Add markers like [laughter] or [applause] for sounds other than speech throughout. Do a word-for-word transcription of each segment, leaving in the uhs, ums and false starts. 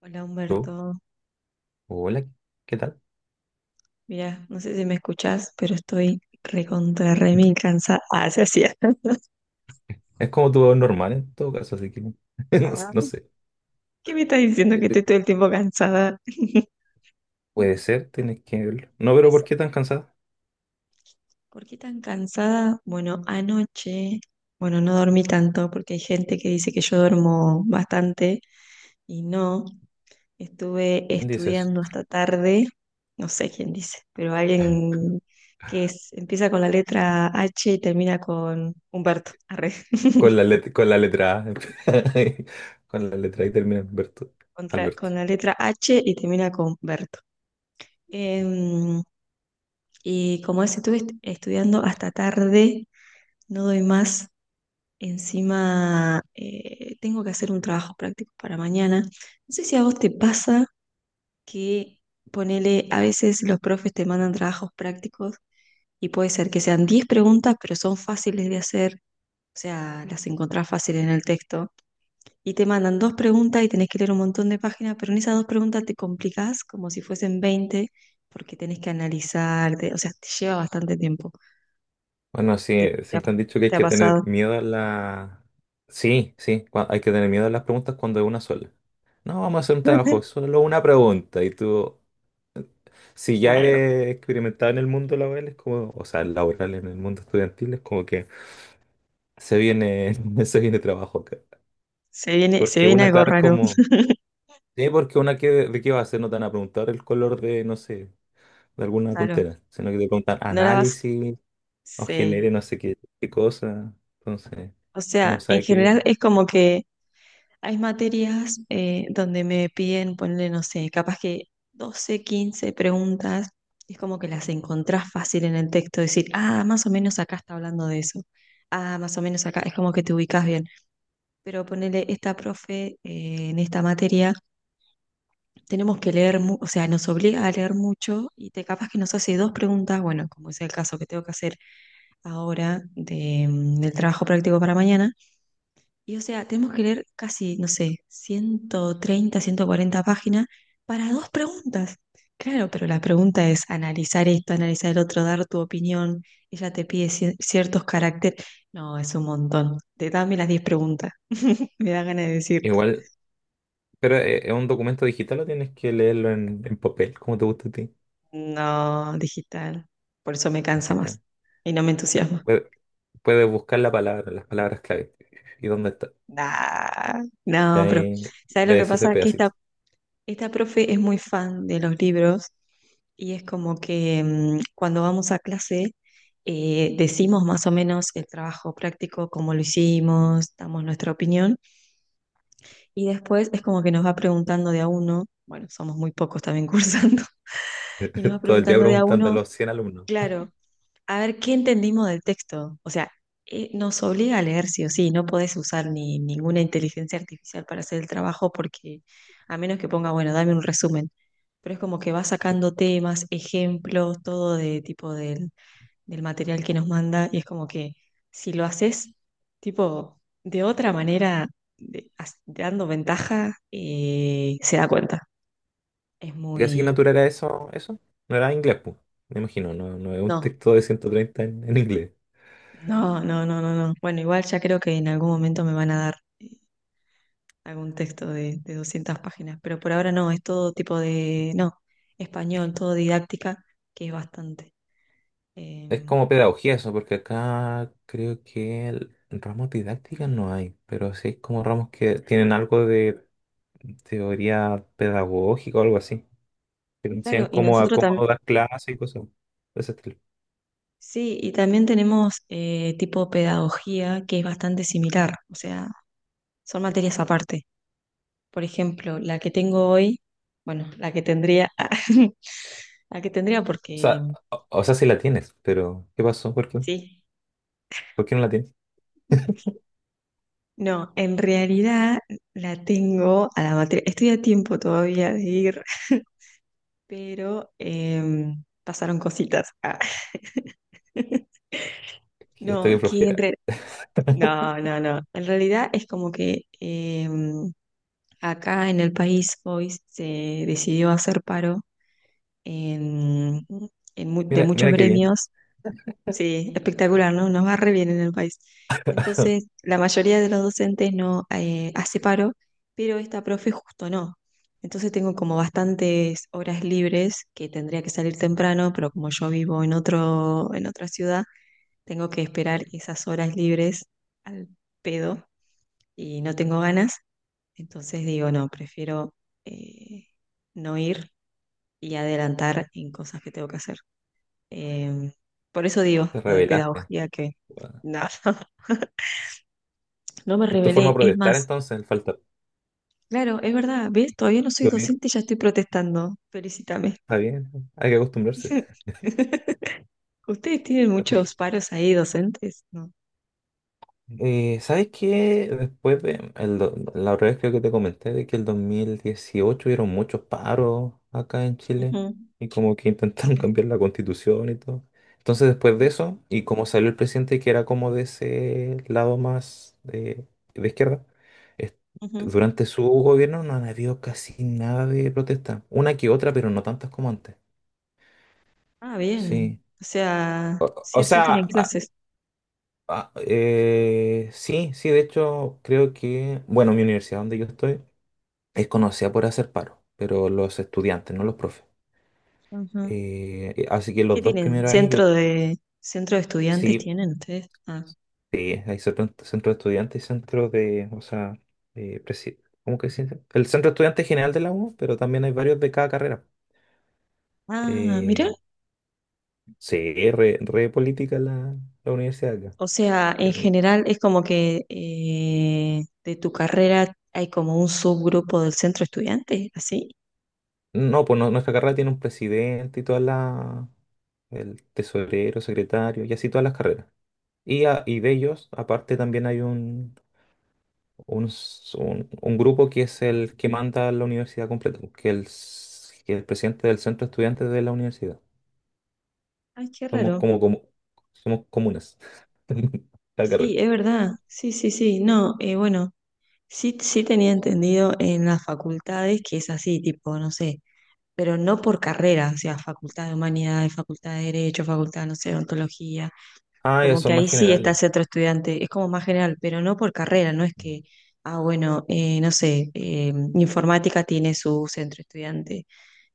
Hola Aló. Humberto, Hola, ¿qué tal? mira, no sé si me escuchás, pero estoy recontra re mil cansada. [laughs] Ah, se hacía. Es como tu voz normal en todo caso, así que [laughs] no, sé. Ah. No sé. ¿Qué me estás diciendo que estoy todo el tiempo cansada? Puede ser, tienes que verlo. No, pero ¿por Pues, qué tan cansada? ¿por qué tan cansada? Bueno, anoche, bueno, no dormí tanto porque hay gente que dice que yo duermo bastante y no, estuve ¿Quién dice eso? estudiando hasta tarde, no sé quién dice, pero alguien que es- empieza con la letra H y termina con Humberto. Con la letra, con la letra A. [laughs] Con la letra A y termina Alberto. contra- Alberto. Con la letra H y termina con Berto. Em, y como es, estuve est- estudiando hasta tarde, no doy más. Encima, eh, tengo que hacer un trabajo práctico para mañana. No sé si a vos te pasa que ponele, a veces los profes te mandan trabajos prácticos y puede ser que sean diez preguntas, pero son fáciles de hacer, o sea, las encontrás fácil en el texto y te mandan dos preguntas y tenés que leer un montón de páginas, pero en esas dos preguntas te complicás como si fuesen veinte porque tenés que analizar, te- o sea, te lleva bastante tiempo. Bueno, ¿Te, sí, te ha, siempre han dicho que hay te ha que tener pasado? miedo a la... Sí, sí, cua- hay que tener miedo a las preguntas cuando es una sola. No, vamos a hacer un trabajo, [laughs] solo una pregunta. Y tú, si ya Raro. eres experimentado en el mundo laboral, es como, o sea, laboral en el mundo estudiantil, es como que se viene, [laughs] se viene trabajo acá. Se viene, se Porque viene una, algo claro, es raro. como, sí, porque una, que, ¿de qué va a hacer? No te van a preguntar el color de, no sé, de alguna Claro. tontera, sino que te preguntan No la vas. análisis o genere Sí. no sé qué, qué cosa. Entonces, O uno sea, en sabe que general viene. es como que hay materias eh, donde me piden ponerle, no sé, capaz que doce, quince preguntas, y es como que las encontrás fácil en el texto, decir, ah, más o menos acá está hablando de eso, ah, más o menos acá, es como que te ubicás bien. Pero ponerle esta profe eh, en esta materia, tenemos que leer, mu- o sea, nos obliga a leer mucho y te capaz que nos hace dos preguntas, bueno, como es el caso que tengo que hacer ahora de, mm, del trabajo práctico para mañana y o sea, tenemos que leer casi, no sé, ciento treinta ciento cuarenta páginas para dos preguntas. Claro, pero la pregunta es analizar esto, analizar el otro, dar tu opinión. Ella te pide ci- ciertos caracteres. No, es un montón. Te dame las diez preguntas. Me da ganas de decir, Igual, pero eh, ¿es un documento digital o tienes que leerlo en, en papel, como te gusta a ti? no, digital. Por eso me cansa Digital. más y no me entusiasma. Puedes puedes buscar la palabra, las palabras clave. ¿Y dónde está? Nah, Y no, pero ahí ¿sabes lo que lees ese pasa? Que esta, pedacito. esta profe es muy fan de los libros. Y es como que mm, cuando vamos a clase eh, decimos más o menos el trabajo práctico, cómo lo hicimos, damos nuestra opinión y después es como que nos va preguntando de a uno, bueno, somos muy pocos también [laughs] cursando, y nos va [laughs] Todo el día preguntando de a preguntando a uno, los cien alumnos. claro, a ver qué entendimos del texto. O sea, eh, nos obliga a leer sí o sí, no podés usar ni ninguna inteligencia artificial para hacer el trabajo porque a menos que ponga, bueno, dame un resumen, pero es como que va sacando temas, ejemplos, todo de tipo del del material que nos manda y es como que si lo haces tipo de otra manera, de- as- dando ventaja, eh, se da cuenta. Es ¿Qué muy. asignatura era eso? ¿Eso? No era inglés, pues. Me imagino, no, no es un No, texto de ciento treinta en, en inglés. no, no, no, no, no. Bueno, igual ya creo que en algún momento me van a dar algún texto de, de doscientas páginas, pero por ahora no, es todo tipo de. No, español, todo didáctica, que es bastante. Es Em, como pedagogía eso, porque acá creo que el- ramos didácticas no hay, pero sí hay como ramos que tienen algo de teoría pedagógica o algo así. Que te enseñan claro, y cómo, a- nosotros cómo también. dar clases y cosas de ese estilo. Sí, y también tenemos eh, tipo pedagogía que es bastante similar, o sea, son materias aparte. Por ejemplo, la que tengo hoy, bueno, la que tendría, [laughs] la que tendría O porque sea, o, o sea, sí la tienes, pero ¿qué pasó? ¿Por qué? sí. ¿Por qué no la tienes? No, en realidad la tengo a la materia. Estoy a tiempo todavía de ir, pero em, pasaron cositas. Ah. [laughs] No, Estoy que en flojera. re- [laughs] no, no, no. En realidad es como que em, acá en el país hoy se decidió hacer paro en, en mu- de Mira, muchos mira qué bien, gremios. Sí, espectacular, ¿no? Nos va re bien en el país. Entonces, la mayoría de los docentes no eh, hace paro, pero esta profe justo no. Entonces tengo como bastantes horas libres que tendría que salir temprano, pero como yo vivo en otro, en otra ciudad, tengo que esperar esas horas libres al pedo y no tengo ganas. Entonces digo, no, prefiero eh, no ir y adelantar en cosas que tengo que hacer. Em, por eso digo te lo de revelaste, pedagogía que weón. nada, [laughs] no me Es tu forma rebelé. de Es más, protestar entonces, el falta. claro, es verdad, ¿ves? Todavía no soy Qué bonito. docente y ya estoy protestando. Felicítame. Está bien, hay que acostumbrarse. [laughs] ¿Ustedes tienen De a muchos poquito. paros ahí docentes? No. Eh, ¿sabes qué? Después de, el do- la otra vez creo que te comenté de que el dos mil dieciocho hubieron muchos paros acá en Chile Ujú. y como que intentaron [laughs] Sí. cambiar la constitución y todo. Entonces después de eso, y como salió el presidente que era como de ese lado más eh, de, izquierda, es- Ujú. durante su gobierno no han habido casi nada de protesta. Una que otra, pero no tantas como antes. Ah, Sí. bien. O sea, O, sí o o sí tienen sea, clases. Ah, eh, sí, sí, de hecho creo que, bueno, mi universidad donde yo estoy es conocida por hacer paro, pero los estudiantes, no los profes. Ujú. Eh, eh, así que ¿Qué los dos tienen? primeros años yo, ¿Centro de centro de estudiantes sí, tienen ustedes? Ah, eh, hay centro, centro de estudiantes y centro de, o sea, eh, presi- ¿cómo que se dice? El centro de estudiantes general de la U, pero también hay varios de cada carrera. ah, mirá. Eh, sí, re, re política la, la universidad acá. O sea, en Eh, general es como que eh, de tu carrera hay como un subgrupo del centro estudiante, ¿así? No, pues no- nuestra carrera tiene un presidente y toda la, el tesorero, secretario y así todas las carreras. Y, a- y de ellos, aparte, también hay un, un, s- un- un grupo que es el que manda la universidad completa, pues, que el, s- que el presidente del centro de estudiantes de la universidad. Ay, qué Somos raro. como, como somos comunas. [laughs] La Sí, carrera. es verdad. Sí, sí, sí. No, eh, bueno, sí, sí tenía entendido en las facultades que es así, tipo, no sé, pero no por carrera, o sea, facultad de humanidades, facultad de derecho, facultad, no sé, de ontología. Ah, ya Como que son ahí más sí está generales. ese otro estudiante, es como más general, pero no por carrera, no es que, ah, bueno, eh, no sé, eh, informática tiene su centro estudiante,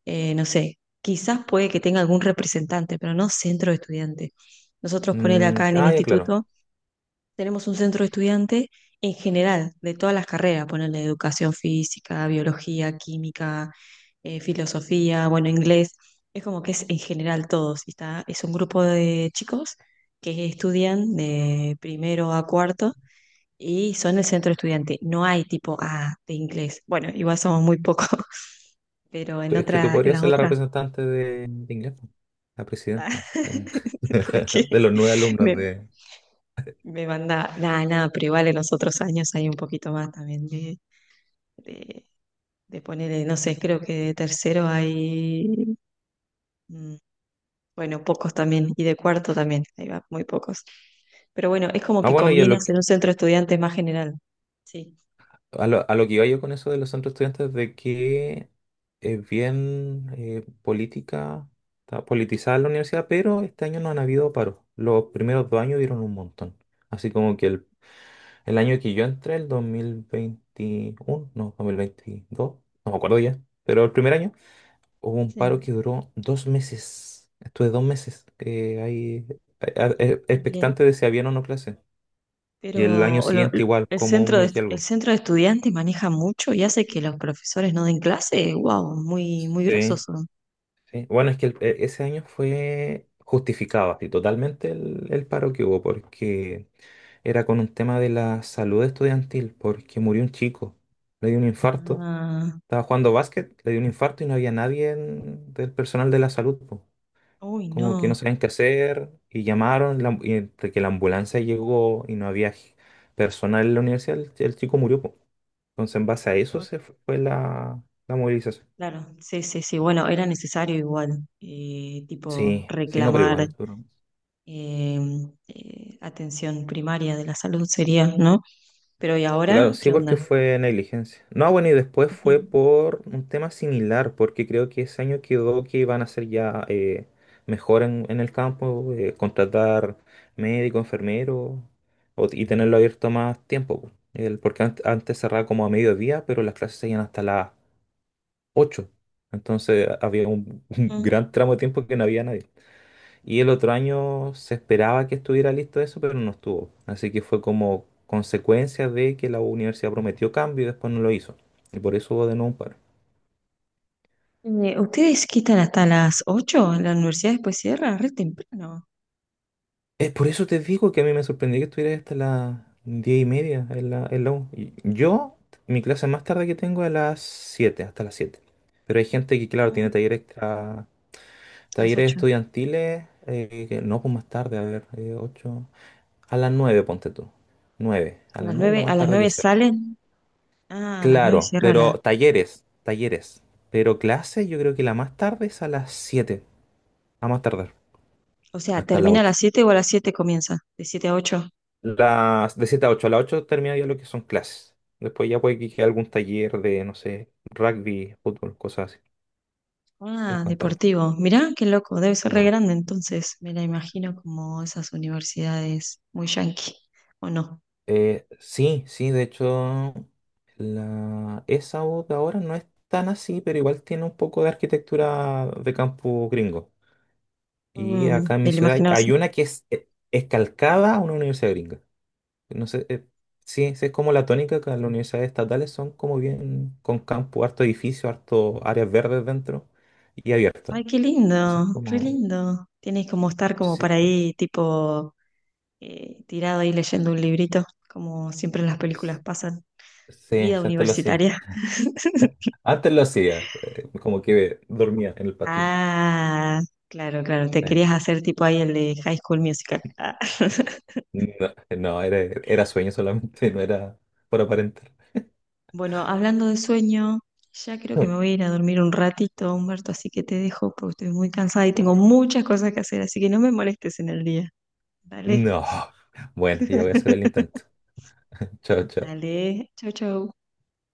eh, no sé, quizás puede que tenga algún representante, pero no centro de estudiante. Nosotros ponele Mm, acá en el ah, ya claro. instituto tenemos un centro de estudiante en general, de todas las carreras, ponerle educación física, biología, química, eh, filosofía, bueno, inglés. Es como que es en general todos. Y está, es un grupo de chicos que estudian de primero a cuarto y son el centro estudiante. No hay tipo A de inglés. Bueno, igual somos muy pocos, [laughs] pero Tú- en Es que tú otra, en podrías las ser la otras. representante de, de inglés, po, la presidenta de, [laughs] Porque [laughs] de los nueve alumnos me, de... me manda, nada, nada, pero igual en los otros años hay un poquito más también de, de de poner, no sé, creo que de tercero hay, mm, bueno, pocos también, y de cuarto también, ahí va, muy pocos. Pero bueno, es como Ah, que bueno, y a conviene lo hacer que, un centro de estudiantes más general. Sí, a lo, a lo que iba yo con eso de los centros de estudiantes, de que es bien eh, política, está politizada la universidad, pero este año no han habido paros. Los primeros dos años dieron un montón. Así como que el, el año que yo entré, el dos mil veintiuno no, dos mil veintidós no me acuerdo ya, pero el primer año hubo un paro que sí. duró dos meses. Estuve dos meses eh, ahí a- a- e- Y, eh, expectante de si habían o no clase. Y el año pero lo- siguiente igual, el como un centro de, mes y el algo. centro de estudiantes maneja mucho y hace que los profesores no den clase. Wow, muy, muy grosos Sí, son. sí. Bueno, es que el- e- ese año fue justificado así totalmente el, el paro que hubo porque era con un tema de la salud estudiantil, porque murió un chico, le dio un infarto. Ah, Estaba jugando básquet, le dio un infarto y no había nadie en- del personal de la salud, po. uy, Como que no. no sabían qué hacer y llamaron, la y entre que la ambulancia llegó y no había g- personal en la universidad, el, el chico murió, po. Entonces, en base a eso se fue fue la, la movilización. Claro, sí, sí, sí. Bueno, era necesario igual, eh, tipo, Sí, sí, no, pero reclamar igual, duro. eh, eh, atención primaria de la salud sería, ¿no? Pero ¿y Claro, ahora qué sí, porque onda? fue negligencia. No, bueno, y después Ujú, fue por un tema similar, porque creo que ese año quedó que iban a ser ya eh, mejor en, en el campo, eh, contratar médico, enfermero o- y tenerlo abierto más tiempo, po. El, porque ant- antes cerraba como a mediodía, pero las clases seguían hasta las ocho. Entonces había un, [laughs] un ujú. gran tramo de tiempo que no había nadie. Y el otro año se esperaba que estuviera listo eso, pero no estuvo. Así que fue como consecuencia de que la universidad prometió cambio y después no lo hizo. Y por eso hubo de nuevo un paro. Eh, ¿ustedes quitan hasta las ocho? ¿La universidad después cierra? Re temprano. Es por eso te digo que a mí me sorprendió que estuviera hasta las diez y media en la, en la U. Y yo, mi clase más tarde que tengo es a las siete, hasta las siete. Pero hay gente que, claro, tiene Ujú. talleres extra, A las talleres ocho. estudiantiles, eh, que no, pues más tarde, a ver, eh, ocho, a las nueve ponte tú. Nueve ¿A A las las nueve es nueve, lo a más las tarde que nueve se... salen? Ah, a las nueve Claro, cierra la. pero talleres, talleres. Pero clase yo creo que la más tarde es a las siete, a más tardar, O sea, hasta las ¿termina a ocho. las siete o a las siete comienza? De siete a ocho. Las, de siete a ocho, a las ocho termina ya lo que son clases. Después ya puede que quede algún taller de, no sé, rugby, fútbol, cosas así. Es Ah, Juan tarde. deportivo. Mirá, qué loco. Debe ser re Claro. grande entonces. Me la imagino como esas universidades muy yanqui, ¿o no? Eh, sí, sí, de hecho, la, esa voz de ahora no es tan así, pero igual tiene un poco de arquitectura de campo gringo. Y Mm, acá en me mi la ciudad imagino. hay una que es, es calcada a una universidad gringa. No sé, eh, sí, sí, es como la tónica que en las universidades estatales son como bien con campo, harto edificio, harto áreas verdes dentro y abiertas. Ay, qué Eso es lindo, re como... lindo. Tienes como estar como Sí, para ahí, tipo, eh, tirado ahí leyendo un librito, como siempre en las películas pasan. sí, Vida antes lo hacía. universitaria. [laughs] Antes lo hacía, eh, como que dormía en el patito. Ah, claro, claro. Te Eh, querías hacer tipo ahí el de High School Musical. Ah. [laughs] No, no, era, era sueño solamente, [laughs] no era por aparentar. Bueno, hablando de sueño, ya creo que me voy a [laughs] ir a dormir un ratito, Humberto, así que te dejo porque estoy muy cansada y tengo Guau. muchas cosas que hacer, así que no me molestes en el día. Dale, No. Bueno, ya voy a hacer el [laughs] intento. [laughs] Chao, chao. dale. Chau, chau.